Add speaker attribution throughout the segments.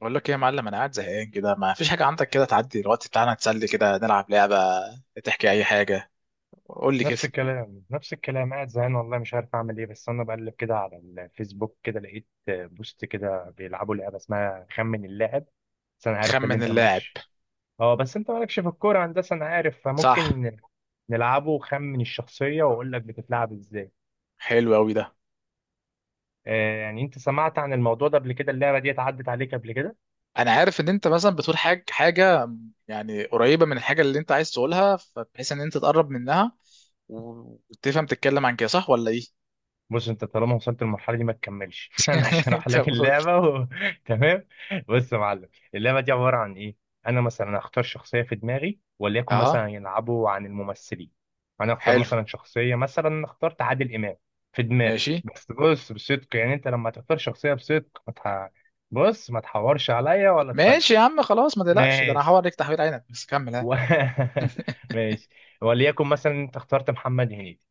Speaker 1: بقول لك ايه يا معلم، انا قاعد زهقان كده، ما فيش حاجه عندك كده تعدي الوقت بتاعنا تسلي كده؟ نلعب لعبه، تحكي اي حاجه، قول لي كده.
Speaker 2: نفس الكلام، قاعد زهقان والله، مش عارف اعمل ايه. بس انا بقلب كده على الفيسبوك، كده لقيت بوست كده بيلعبوا لعبه اسمها خمن اللاعب. بس انا عارف ان
Speaker 1: خمن
Speaker 2: انت
Speaker 1: اللاعب؟
Speaker 2: مالكش. اه بس انت مالكش في الكوره هندسه، انا عارف،
Speaker 1: صح.
Speaker 2: فممكن نلعبه، خمن الشخصيه، واقول لك بتتلعب ازاي.
Speaker 1: حلو قوي ده.
Speaker 2: آه يعني انت سمعت عن الموضوع ده قبل كده؟ اللعبه دي اتعدت عليك قبل كده؟
Speaker 1: انا عارف ان انت مثلا بتقول حاجه يعني قريبه من الحاجه اللي انت عايز تقولها، فبحيث ان انت تقرب منها و- وتفهم تتكلم عن كده، صح ولا ايه؟
Speaker 2: بص، انت طالما وصلت للمرحله دي ما تكملش. انا هشرح
Speaker 1: طب
Speaker 2: لك
Speaker 1: قول.
Speaker 2: اللعبه وتمام. بص يا معلم، اللعبه دي عباره عن ايه. انا مثلا هختار شخصيه في دماغي، وليكن
Speaker 1: اها.
Speaker 2: مثلا يلعبوا عن الممثلين. انا اختار
Speaker 1: حلو.
Speaker 2: مثلا شخصيه، مثلا اخترت عادل امام في دماغي.
Speaker 1: ماشي.
Speaker 2: بس بص بصدق، يعني انت لما تختار شخصيه بصدق ما تح... بص ما تحورش عليا ولا
Speaker 1: ماشي يا
Speaker 2: تفلس.
Speaker 1: عم خلاص ما تقلقش، ده انا هحاول
Speaker 2: ماشي.
Speaker 1: عليك تحويل عينك، بس كمل ها.
Speaker 2: و... ماشي. وليكن مثلا انت اخترت محمد هنيدي.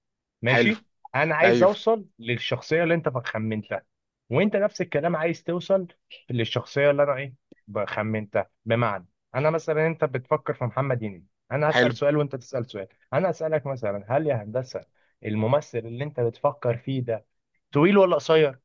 Speaker 1: حلو.
Speaker 2: ماشي. انا عايز
Speaker 1: ايوه.
Speaker 2: اوصل للشخصيه اللي انت خمنتها، وانت نفس الكلام عايز توصل للشخصيه اللي انا ايه خمنتها. بمعنى، انا مثلا انت بتفكر في محمد هنيدي، انا
Speaker 1: حلو.
Speaker 2: هسال سؤال وانت تسال سؤال. انا اسالك مثلا: هل يا هندسه الممثل اللي انت بتفكر فيه ده طويل ولا قصير؟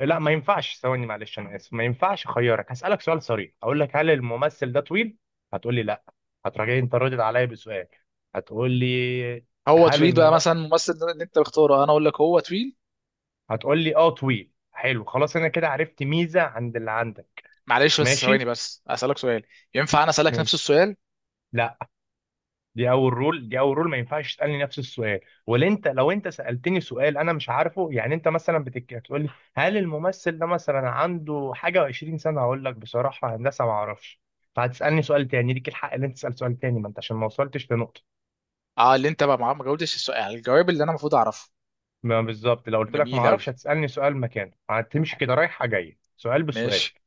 Speaker 2: لا، ما ينفعش. ثواني معلش انا اسف، ما ينفعش. اخيرك هسالك سؤال صريح، هقول لك: هل الممثل ده طويل؟ هتقول لي لا. هتراجعني، انت ردت عليا بسؤال. هتقول لي:
Speaker 1: هو
Speaker 2: هل
Speaker 1: طويل بقى
Speaker 2: المم...
Speaker 1: مثلا الممثل ده اللي انت بتختاره؟ انا اقول لك هو طويل.
Speaker 2: هتقول لي اه طويل. حلو خلاص، انا كده عرفت ميزه عند اللي عندك.
Speaker 1: معلش بس ثواني،
Speaker 2: ماشي.
Speaker 1: بس اسالك سؤال، ينفع انا اسالك نفس
Speaker 2: ماشي.
Speaker 1: السؤال؟
Speaker 2: لا، دي اول رول، ما ينفعش تسالني نفس السؤال. ولا انت لو انت سالتني سؤال انا مش عارفه، يعني انت مثلا تقول لي: هل الممثل ده مثلا عنده حاجه و20 سنه؟ هقول لك بصراحه هندسه ما اعرفش. فهتسالني سؤال تاني، ليك الحق ان انت تسال سؤال تاني ما انت عشان ما وصلتش لنقطه.
Speaker 1: اه، اللي انت بقى ما جاوبتش السؤال، يعني الجواب اللي انا المفروض اعرفه.
Speaker 2: ما بالظبط، لو قلت لك ما
Speaker 1: جميل قوي.
Speaker 2: اعرفش هتسالني سؤال مكانه، هتمشي كده رايحه جايه سؤال بسؤال.
Speaker 1: ماشي.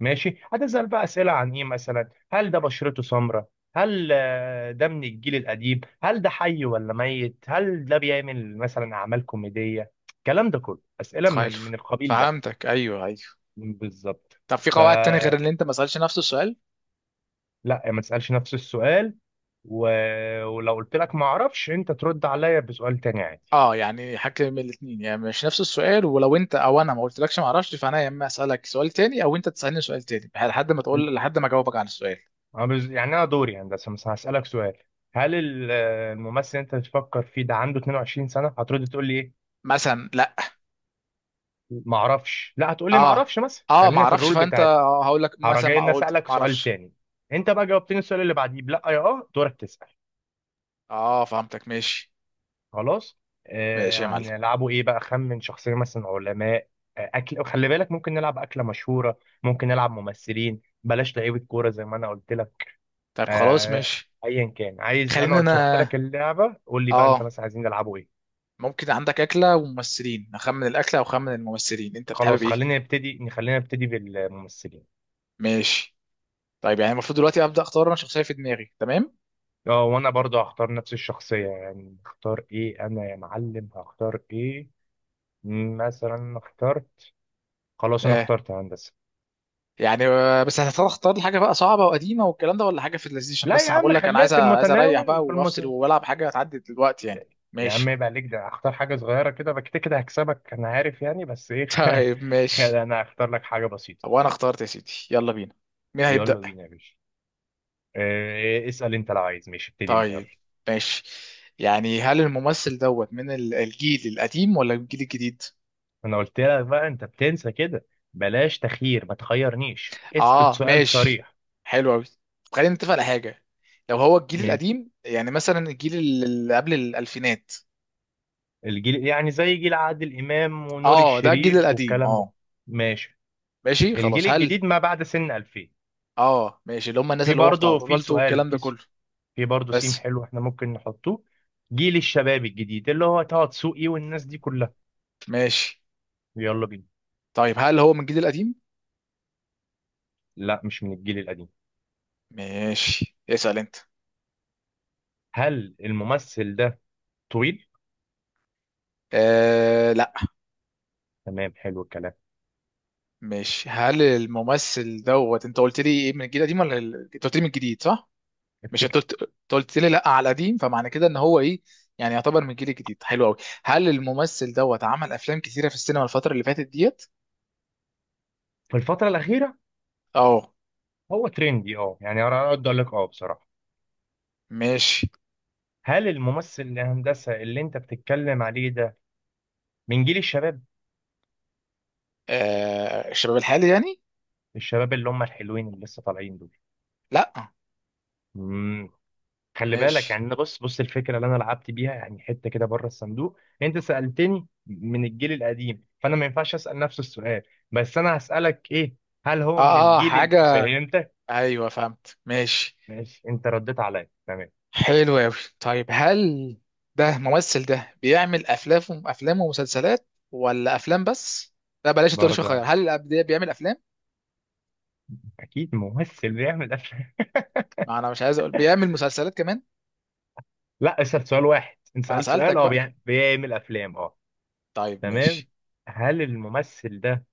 Speaker 2: ماشي. هتسأل بقى أسئلة عن إيه؟ مثلا: هل ده بشرته سمراء؟ هل ده من الجيل القديم؟ هل ده حي ولا ميت؟ هل ده بيعمل مثلا أعمال كوميدية؟ الكلام ده كله أسئلة من
Speaker 1: تخيل.
Speaker 2: من القبيل ده.
Speaker 1: فهمتك، ايوه ايوه.
Speaker 2: بالظبط.
Speaker 1: طب في قواعد تانية غير
Speaker 2: فلا،
Speaker 1: اللي انت ما سالش نفس السؤال؟
Speaker 2: ما تسألش نفس السؤال. و... ولو قلت لك ما أعرفش أنت ترد عليا بسؤال تاني عادي.
Speaker 1: اه، يعني حاجه من الاثنين، يعني مش نفس السؤال، ولو انت او انا ما قلتلكش ما اعرفش، فانا يا اما اسالك سؤال تاني او انت تسالني سؤال تاني، لحد ما تقول، لحد ما اجاوبك عن السؤال.
Speaker 2: يعني أنا دوري هندسة مثلا هسألك سؤال: هل الممثل اللي أنت بتفكر فيه ده عنده 22 سنة؟ هترد تقول لي إيه؟
Speaker 1: مثلا لا.
Speaker 2: ما اعرفش. لا هتقولي ما
Speaker 1: اه.
Speaker 2: اعرفش مثلا،
Speaker 1: اه ما
Speaker 2: خلينا في
Speaker 1: اعرفش،
Speaker 2: الرول
Speaker 1: فانت
Speaker 2: بتاعتي.
Speaker 1: هقول لك
Speaker 2: هروح
Speaker 1: مثلا
Speaker 2: جاي
Speaker 1: ما
Speaker 2: إن
Speaker 1: قلت
Speaker 2: اسالك
Speaker 1: ما
Speaker 2: سؤال
Speaker 1: اعرفش.
Speaker 2: تاني. انت بقى جاوبتني السؤال اللي بعديه بلا يا اه دورك تسال.
Speaker 1: اه فهمتك ماشي.
Speaker 2: خلاص.
Speaker 1: ماشي يا
Speaker 2: آه
Speaker 1: معلم.
Speaker 2: هنلعبوا ايه بقى؟ خمن شخصيه مثلا علماء. آه اكل، خلي بالك ممكن نلعب اكله مشهوره، ممكن نلعب ممثلين، بلاش لعيبه كوره زي ما انا قلت لك.
Speaker 1: طيب خلاص
Speaker 2: آه،
Speaker 1: ماشي.
Speaker 2: ايا كان عايز، انا
Speaker 1: خلينا
Speaker 2: قلت شرحت لك
Speaker 1: انا.
Speaker 2: اللعبه، قول لي بقى انت
Speaker 1: اه.
Speaker 2: مثلا عايزين نلعبوا ايه.
Speaker 1: ممكن عندك اكله وممثلين، اخمن الاكله او اخمن الممثلين، انت بتحابب
Speaker 2: خلاص
Speaker 1: ايه؟
Speaker 2: خلينا نبتدي، خلينا نبتدي بالممثلين.
Speaker 1: ماشي. طيب يعني المفروض دلوقتي ابدا اختار انا شخصيه في دماغي، تمام؟
Speaker 2: اه وانا برضه هختار نفس الشخصية. يعني اختار ايه انا يا معلم؟ هختار ايه؟ مثلا اخترت، خلاص انا
Speaker 1: اه.
Speaker 2: اخترت هندسة.
Speaker 1: يعني بس هتختار اختار لي حاجه بقى صعبه وقديمه والكلام ده، ولا حاجه في اللذيذ؟ عشان
Speaker 2: لا
Speaker 1: بس
Speaker 2: يا
Speaker 1: انا بقول
Speaker 2: عم،
Speaker 1: لك انا
Speaker 2: خليها
Speaker 1: عايز
Speaker 2: في
Speaker 1: عايز اريح
Speaker 2: المتناول،
Speaker 1: بقى
Speaker 2: في
Speaker 1: وافصل
Speaker 2: المتناول.
Speaker 1: والعب حاجه تعدي دلوقتي يعني.
Speaker 2: يا عم
Speaker 1: ماشي.
Speaker 2: يبقى عليك ده، اختار حاجة صغيرة كده بقى، كده كده هكسبك انا عارف يعني، بس ايه.
Speaker 1: طيب ماشي.
Speaker 2: خلي انا هختار لك حاجة بسيطة.
Speaker 1: وانا اخترت يا سيدي، يلا بينا. مين
Speaker 2: يلا
Speaker 1: هيبدا؟
Speaker 2: بينا يا باشا. اه اسأل انت لو عايز، ماشي ابتدي انت يلا.
Speaker 1: طيب. ماشي. يعني هل الممثل دوت من الجيل القديم ولا الجيل الجديد؟
Speaker 2: انا قلت لك بقى، انت بتنسى كده. بلاش تخيير، ما تخيرنيش، اسأل
Speaker 1: اه
Speaker 2: سؤال
Speaker 1: ماشي.
Speaker 2: صريح.
Speaker 1: حلو قوي. خلينا نتفق على حاجه. لو هو الجيل القديم يعني مثلا الجيل اللي قبل الـ2000.
Speaker 2: الجيل يعني زي جيل عادل إمام ونور
Speaker 1: اه ده الجيل
Speaker 2: الشريف
Speaker 1: القديم،
Speaker 2: والكلام ده.
Speaker 1: اه.
Speaker 2: ماشي.
Speaker 1: ماشي
Speaker 2: الجيل
Speaker 1: خلاص. هل.
Speaker 2: الجديد ما بعد سن 2000.
Speaker 1: اه ماشي، اللي هم الناس
Speaker 2: في
Speaker 1: اللي هو بتاع
Speaker 2: برضه في
Speaker 1: بالتو
Speaker 2: سؤال
Speaker 1: والكلام ده
Speaker 2: في
Speaker 1: كله.
Speaker 2: س- في برضه سيم،
Speaker 1: بس.
Speaker 2: حلو، احنا ممكن نحطه. جيل الشباب الجديد اللي هو طه دسوقي والناس دي كلها.
Speaker 1: ماشي.
Speaker 2: يلا بينا.
Speaker 1: طيب هل هو من الجيل القديم؟
Speaker 2: لا مش من الجيل القديم.
Speaker 1: ماشي، اسأل انت.
Speaker 2: هل الممثل ده طويل؟
Speaker 1: آه...
Speaker 2: تمام حلو الكلام.
Speaker 1: مش هل الممثل دوت انت قلت لي ايه، من الجيل القديم ولا انت قلت لي من الجديد، صح؟ مش انت
Speaker 2: افتكر
Speaker 1: قلت، انت قلت لي لا على قديم، فمعنى كده ان هو ايه، يعني يعتبر من الجيل الجديد. حلو قوي. هل الممثل دوت عمل افلام كتيره في السينما الفتره اللي فاتت ديت؟
Speaker 2: في الفترة الأخيرة
Speaker 1: اه
Speaker 2: هو ترندي، اه يعني انا اقدر اقول لك اه بصراحة.
Speaker 1: ماشي.
Speaker 2: هل الممثل الهندسة اللي انت بتتكلم عليه ده من جيل الشباب؟
Speaker 1: آه الشباب الحالي يعني؟
Speaker 2: الشباب اللي هم الحلوين اللي لسه طالعين دول.
Speaker 1: لا.
Speaker 2: مم. خلي بالك
Speaker 1: ماشي.
Speaker 2: يعني، أنا بص بص الفكره اللي انا لعبت بيها يعني حته كده بره الصندوق، انت سالتني من الجيل القديم فانا ما ينفعش اسال نفس السؤال. بس انا هسالك ايه: هل هو من
Speaker 1: اه اه
Speaker 2: الجيل
Speaker 1: حاجه.
Speaker 2: فهمتك.
Speaker 1: ايوه فهمت ماشي.
Speaker 2: ماشي، انت رديت عليا، تمام.
Speaker 1: حلو أوي. طيب هل ده ممثل، ده بيعمل أفلام، أفلام ومسلسلات ولا أفلام بس؟ لا بلاش تقولش خير،
Speaker 2: برضه،
Speaker 1: هل الأب ده بيعمل أفلام؟
Speaker 2: اكيد ممثل بيعمل افلام.
Speaker 1: ما أنا مش عايز أقول بيعمل مسلسلات كمان.
Speaker 2: لا اسال سؤال واحد، انت
Speaker 1: ما أنا
Speaker 2: سالت
Speaker 1: سألتك
Speaker 2: سؤال اه
Speaker 1: بقى.
Speaker 2: بيعمل افلام، اه.
Speaker 1: طيب
Speaker 2: تمام،
Speaker 1: ماشي.
Speaker 2: هل الممثل ده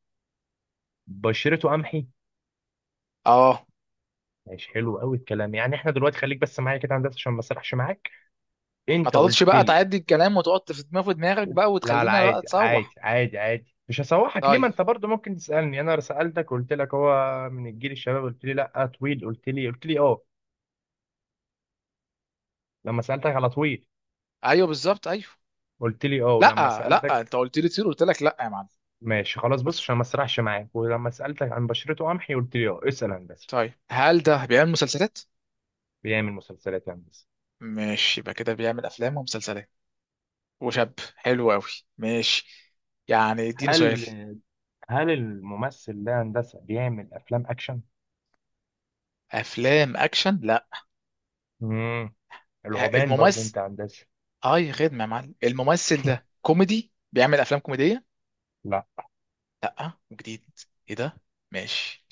Speaker 2: بشرته قمحي؟
Speaker 1: أه.
Speaker 2: ماشي حلو قوي الكلام. يعني احنا دلوقتي خليك بس معايا كده يا هندسه عشان ما اسرحش معاك.
Speaker 1: ما
Speaker 2: انت
Speaker 1: تقعدش
Speaker 2: قلت
Speaker 1: بقى
Speaker 2: لي،
Speaker 1: تعدي الكلام وتقعد في دماغك بقى،
Speaker 2: لا لا،
Speaker 1: وتخلينا لا
Speaker 2: عادي
Speaker 1: تسوح.
Speaker 2: عادي عادي عادي مش هسوحك ليه،
Speaker 1: طيب.
Speaker 2: ما انت برضو ممكن تسالني. انا سالتك قلت لك هو من الجيل الشباب، قلت لي لا. طويل، قلت لي، قلت لي اه، لما سالتك على طويل
Speaker 1: أيوه بالظبط أيوه.
Speaker 2: قلت لي اه. ولما
Speaker 1: لا لا،
Speaker 2: سالتك،
Speaker 1: أنت قلت لي تصير، قلت لك لا يا معلم.
Speaker 2: ماشي خلاص. بص
Speaker 1: قلت.
Speaker 2: عشان ما اسرحش معاك، ولما سالتك عن بشرته قمحي قلت لي اه. اسال هندسه.
Speaker 1: طيب هل ده بيعمل مسلسلات؟
Speaker 2: بيعمل مسلسلات يا هندسه.
Speaker 1: ماشي، يبقى كده بيعمل أفلام ومسلسلات وشاب. حلو قوي. ماشي. يعني اديني سؤال.
Speaker 2: هل هل الممثل ده هندسه بيعمل افلام اكشن؟
Speaker 1: افلام اكشن لا.
Speaker 2: امم العوبان برضو
Speaker 1: الممثل،
Speaker 2: انت يا هندسه.
Speaker 1: اه يا خدمه يا معلم، الممثل ده كوميدي بيعمل افلام كوميديه.
Speaker 2: لا.
Speaker 1: لا وجديد. ايه ده؟ ماشي.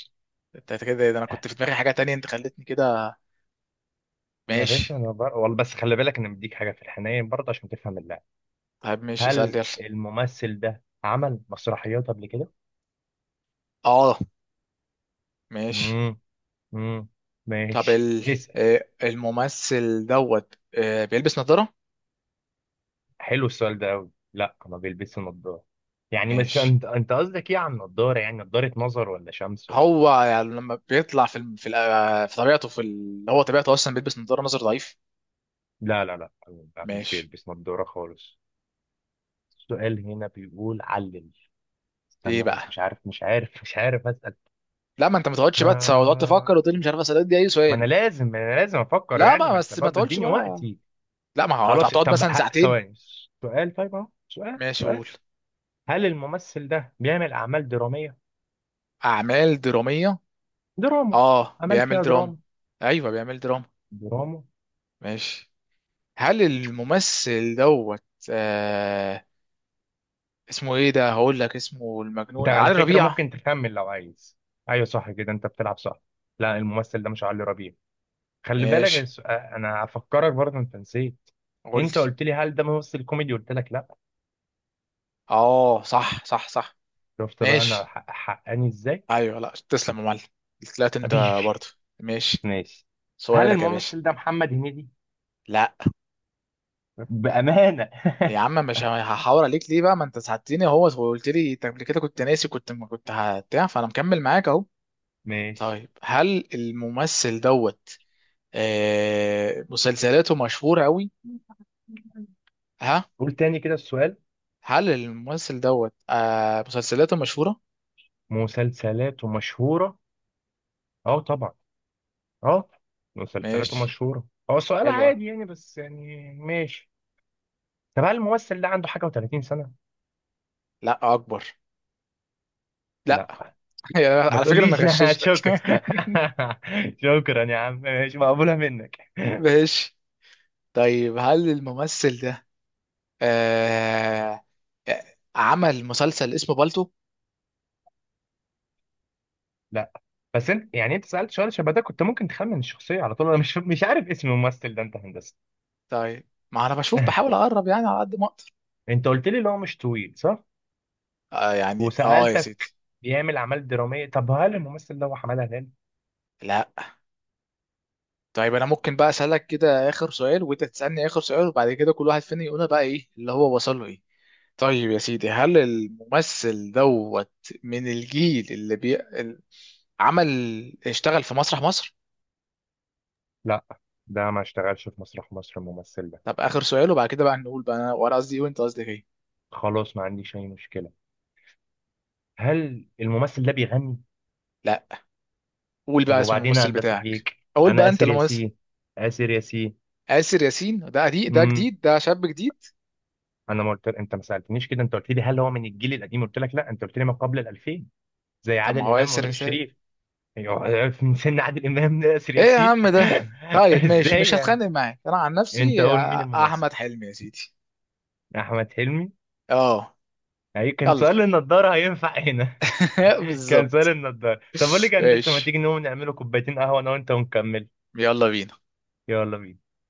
Speaker 1: انت كده، ده انا كنت في دماغي حاجه تانية، انت خلتني كده.
Speaker 2: ما يا
Speaker 1: ماشي.
Speaker 2: باشا انا والله، بس خلي بالك انا مديك حاجه في الحنين برضه عشان تفهم اللعب.
Speaker 1: طيب ماشي، اسال
Speaker 2: هل
Speaker 1: يلا.
Speaker 2: الممثل ده عمل مسرحيات قبل كده؟
Speaker 1: اه. ماشي.
Speaker 2: امم امم
Speaker 1: طب
Speaker 2: ماشي.
Speaker 1: ال...
Speaker 2: اسال.
Speaker 1: آه، الممثل دوت بيلبس نظاره؟
Speaker 2: حلو السؤال ده قوي. لا ما بيلبسش نظاره. يعني بس
Speaker 1: ماشي.
Speaker 2: انت، انت قصدك ايه عن نظاره؟ يعني نظاره نظر ولا شمس
Speaker 1: هو يعني لما بيطلع في في طبيعته في هو طبيعته اصلا بيلبس نظاره نظر ضعيف.
Speaker 2: لا لا لا لا، مش
Speaker 1: ماشي.
Speaker 2: بيلبس نظاره خالص. السؤال هنا بيقول علل.
Speaker 1: ايه
Speaker 2: استنى بس،
Speaker 1: بقى؟
Speaker 2: مش عارف اسال.
Speaker 1: لا، ما انت ما تقعدش بقى تقعد تفكر
Speaker 2: آه...
Speaker 1: وتقول لي مش عارف، اسالك دي اي
Speaker 2: ما انا
Speaker 1: سؤال.
Speaker 2: لازم ما انا لازم افكر،
Speaker 1: لا
Speaker 2: يعني
Speaker 1: ما
Speaker 2: ما انت
Speaker 1: بس ما
Speaker 2: برضه
Speaker 1: تقعدش
Speaker 2: اديني
Speaker 1: بقى.
Speaker 2: وقتي.
Speaker 1: لا ما هو
Speaker 2: خلاص
Speaker 1: هتقعد
Speaker 2: طب
Speaker 1: مثلا ساعتين.
Speaker 2: ثواني، سؤال. طيب اهو سؤال،
Speaker 1: ماشي
Speaker 2: سؤال.
Speaker 1: قول.
Speaker 2: هل الممثل ده بيعمل اعمال دراميه؟
Speaker 1: اعمال دراميه.
Speaker 2: دراما،
Speaker 1: اه
Speaker 2: اعمال
Speaker 1: بيعمل
Speaker 2: فيها
Speaker 1: دراما.
Speaker 2: دراما،
Speaker 1: ايوه بيعمل دراما.
Speaker 2: دراما.
Speaker 1: ماشي. هل الممثل دوت آه اسمه ايه ده؟ هقول لك اسمه المجنون
Speaker 2: انت على
Speaker 1: علي
Speaker 2: فكره
Speaker 1: ربيع.
Speaker 2: ممكن تكمل لو عايز. ايوه صح كده انت بتلعب، صح. لا الممثل ده مش علي ربيع. خلي بالك
Speaker 1: ماشي.
Speaker 2: انا هفكرك برضه انت نسيت. انت
Speaker 1: قلت.
Speaker 2: قلت لي هل ده ممثل كوميدي، قلت لك لا.
Speaker 1: اه صح صح صح.
Speaker 2: شفت بقى انا
Speaker 1: ماشي.
Speaker 2: حقاني ازاي.
Speaker 1: ايوه، لا تسلم يا معلم، طلعت انت
Speaker 2: حبيبي.
Speaker 1: برضه. ماشي.
Speaker 2: ماشي. هل
Speaker 1: سؤالك يا باشا.
Speaker 2: الممثل ده محمد هنيدي؟
Speaker 1: لا.
Speaker 2: بامانه.
Speaker 1: يا عم مش هحاور عليك ليه بقى، ما انت ساعدتني اهو وقلت لي، انت قبل كده كنت ناسي، كنت ما كنت هبتاع، فانا مكمل معاك اهو.
Speaker 2: ماشي،
Speaker 1: طيب هل الممثل دوت آه مسلسلاته مشهورة قوي؟ ها.
Speaker 2: قول تاني كده السؤال.
Speaker 1: هل الممثل دوت آه مسلسلاته مشهورة؟
Speaker 2: مسلسلات مشهورة، اه طبعا، اه. مسلسلات
Speaker 1: ماشي.
Speaker 2: مشهورة هو سؤال
Speaker 1: حلوة.
Speaker 2: عادي يعني، بس يعني ماشي. طب هل الممثل ده عنده حاجة و30 سنة؟
Speaker 1: لا اكبر. لا.
Speaker 2: لا. ما
Speaker 1: على فكرة انا
Speaker 2: تقوليش.
Speaker 1: غششتك.
Speaker 2: شكرا. شكرا يا عم، ماشي، مقبولة منك.
Speaker 1: ماشي. طيب هل الممثل ده آه آه، عمل مسلسل اسمه بالتو؟
Speaker 2: لا بس انت يعني، انت سألت سؤال شبه ده كنت ممكن تخمن الشخصية على طول. انا مش مش عارف اسم الممثل ده انت هندسة.
Speaker 1: طيب ما انا بشوف بحاول اقرب يعني على قد ما اقدر.
Speaker 2: انت قلت لي اللي هو مش طويل، صح؟
Speaker 1: آه يعني اه يا سيدي.
Speaker 2: وسألتك بيعمل اعمال درامية. طب هل الممثل ده هو حمادة هلال؟
Speaker 1: لا. طيب انا ممكن بقى اسالك كده اخر سؤال، وانت تسالني اخر سؤال، وبعد كده كل واحد فينا يقولها بقى، ايه اللي هو وصل له ايه. طيب يا سيدي، هل الممثل دوت من الجيل اللي عمل، اشتغل في مسرح مصر؟
Speaker 2: لا. ده ما اشتغلش في مسرح مصر الممثل ده.
Speaker 1: طب اخر سؤال وبعد كده بقى نقول بقى، وانا قصدي ايه وانت قصدك ايه.
Speaker 2: خلاص ما عنديش اي مشكله. هل الممثل ده بيغني؟
Speaker 1: لا. قول
Speaker 2: طب
Speaker 1: بقى اسم
Speaker 2: وبعدين يا
Speaker 1: الممثل
Speaker 2: هندسه
Speaker 1: بتاعك.
Speaker 2: فيك.
Speaker 1: اقول
Speaker 2: انا
Speaker 1: بقى انت
Speaker 2: اسر
Speaker 1: الممثل.
Speaker 2: ياسين. اسر ياسين.
Speaker 1: آسر ياسين ده قديم، ده
Speaker 2: امم
Speaker 1: جديد، ده شاب جديد.
Speaker 2: انا ما قلت، انت ما سالتنيش كده. انت قلت لي هل هو من الجيل القديم، قلت لك لا. انت قلت لي ما قبل ال 2000، زي
Speaker 1: طب ما
Speaker 2: عادل
Speaker 1: هو
Speaker 2: امام
Speaker 1: آسر.
Speaker 2: ونور الشريف. أيوة، من سن عادل امام لاسر
Speaker 1: ايه يا
Speaker 2: ياسين.
Speaker 1: عم ده. طيب ماشي،
Speaker 2: ازاي
Speaker 1: مش
Speaker 2: يعني؟
Speaker 1: هتخانق معاك، انا عن
Speaker 2: انت
Speaker 1: نفسي
Speaker 2: قول مين الممثل.
Speaker 1: احمد حلمي يا سيدي.
Speaker 2: احمد حلمي؟
Speaker 1: اه.
Speaker 2: أي كان
Speaker 1: يلا.
Speaker 2: سؤال النضارة هينفع هنا. كان سؤال
Speaker 1: بالظبط.
Speaker 2: النضارة. طب أقول لك يا هندسة، ما
Speaker 1: ماشي.
Speaker 2: تيجي نقوم نعمله كوبايتين قهوة أنا وأنت ونكمل.
Speaker 1: يلا بينا.
Speaker 2: يلا بينا.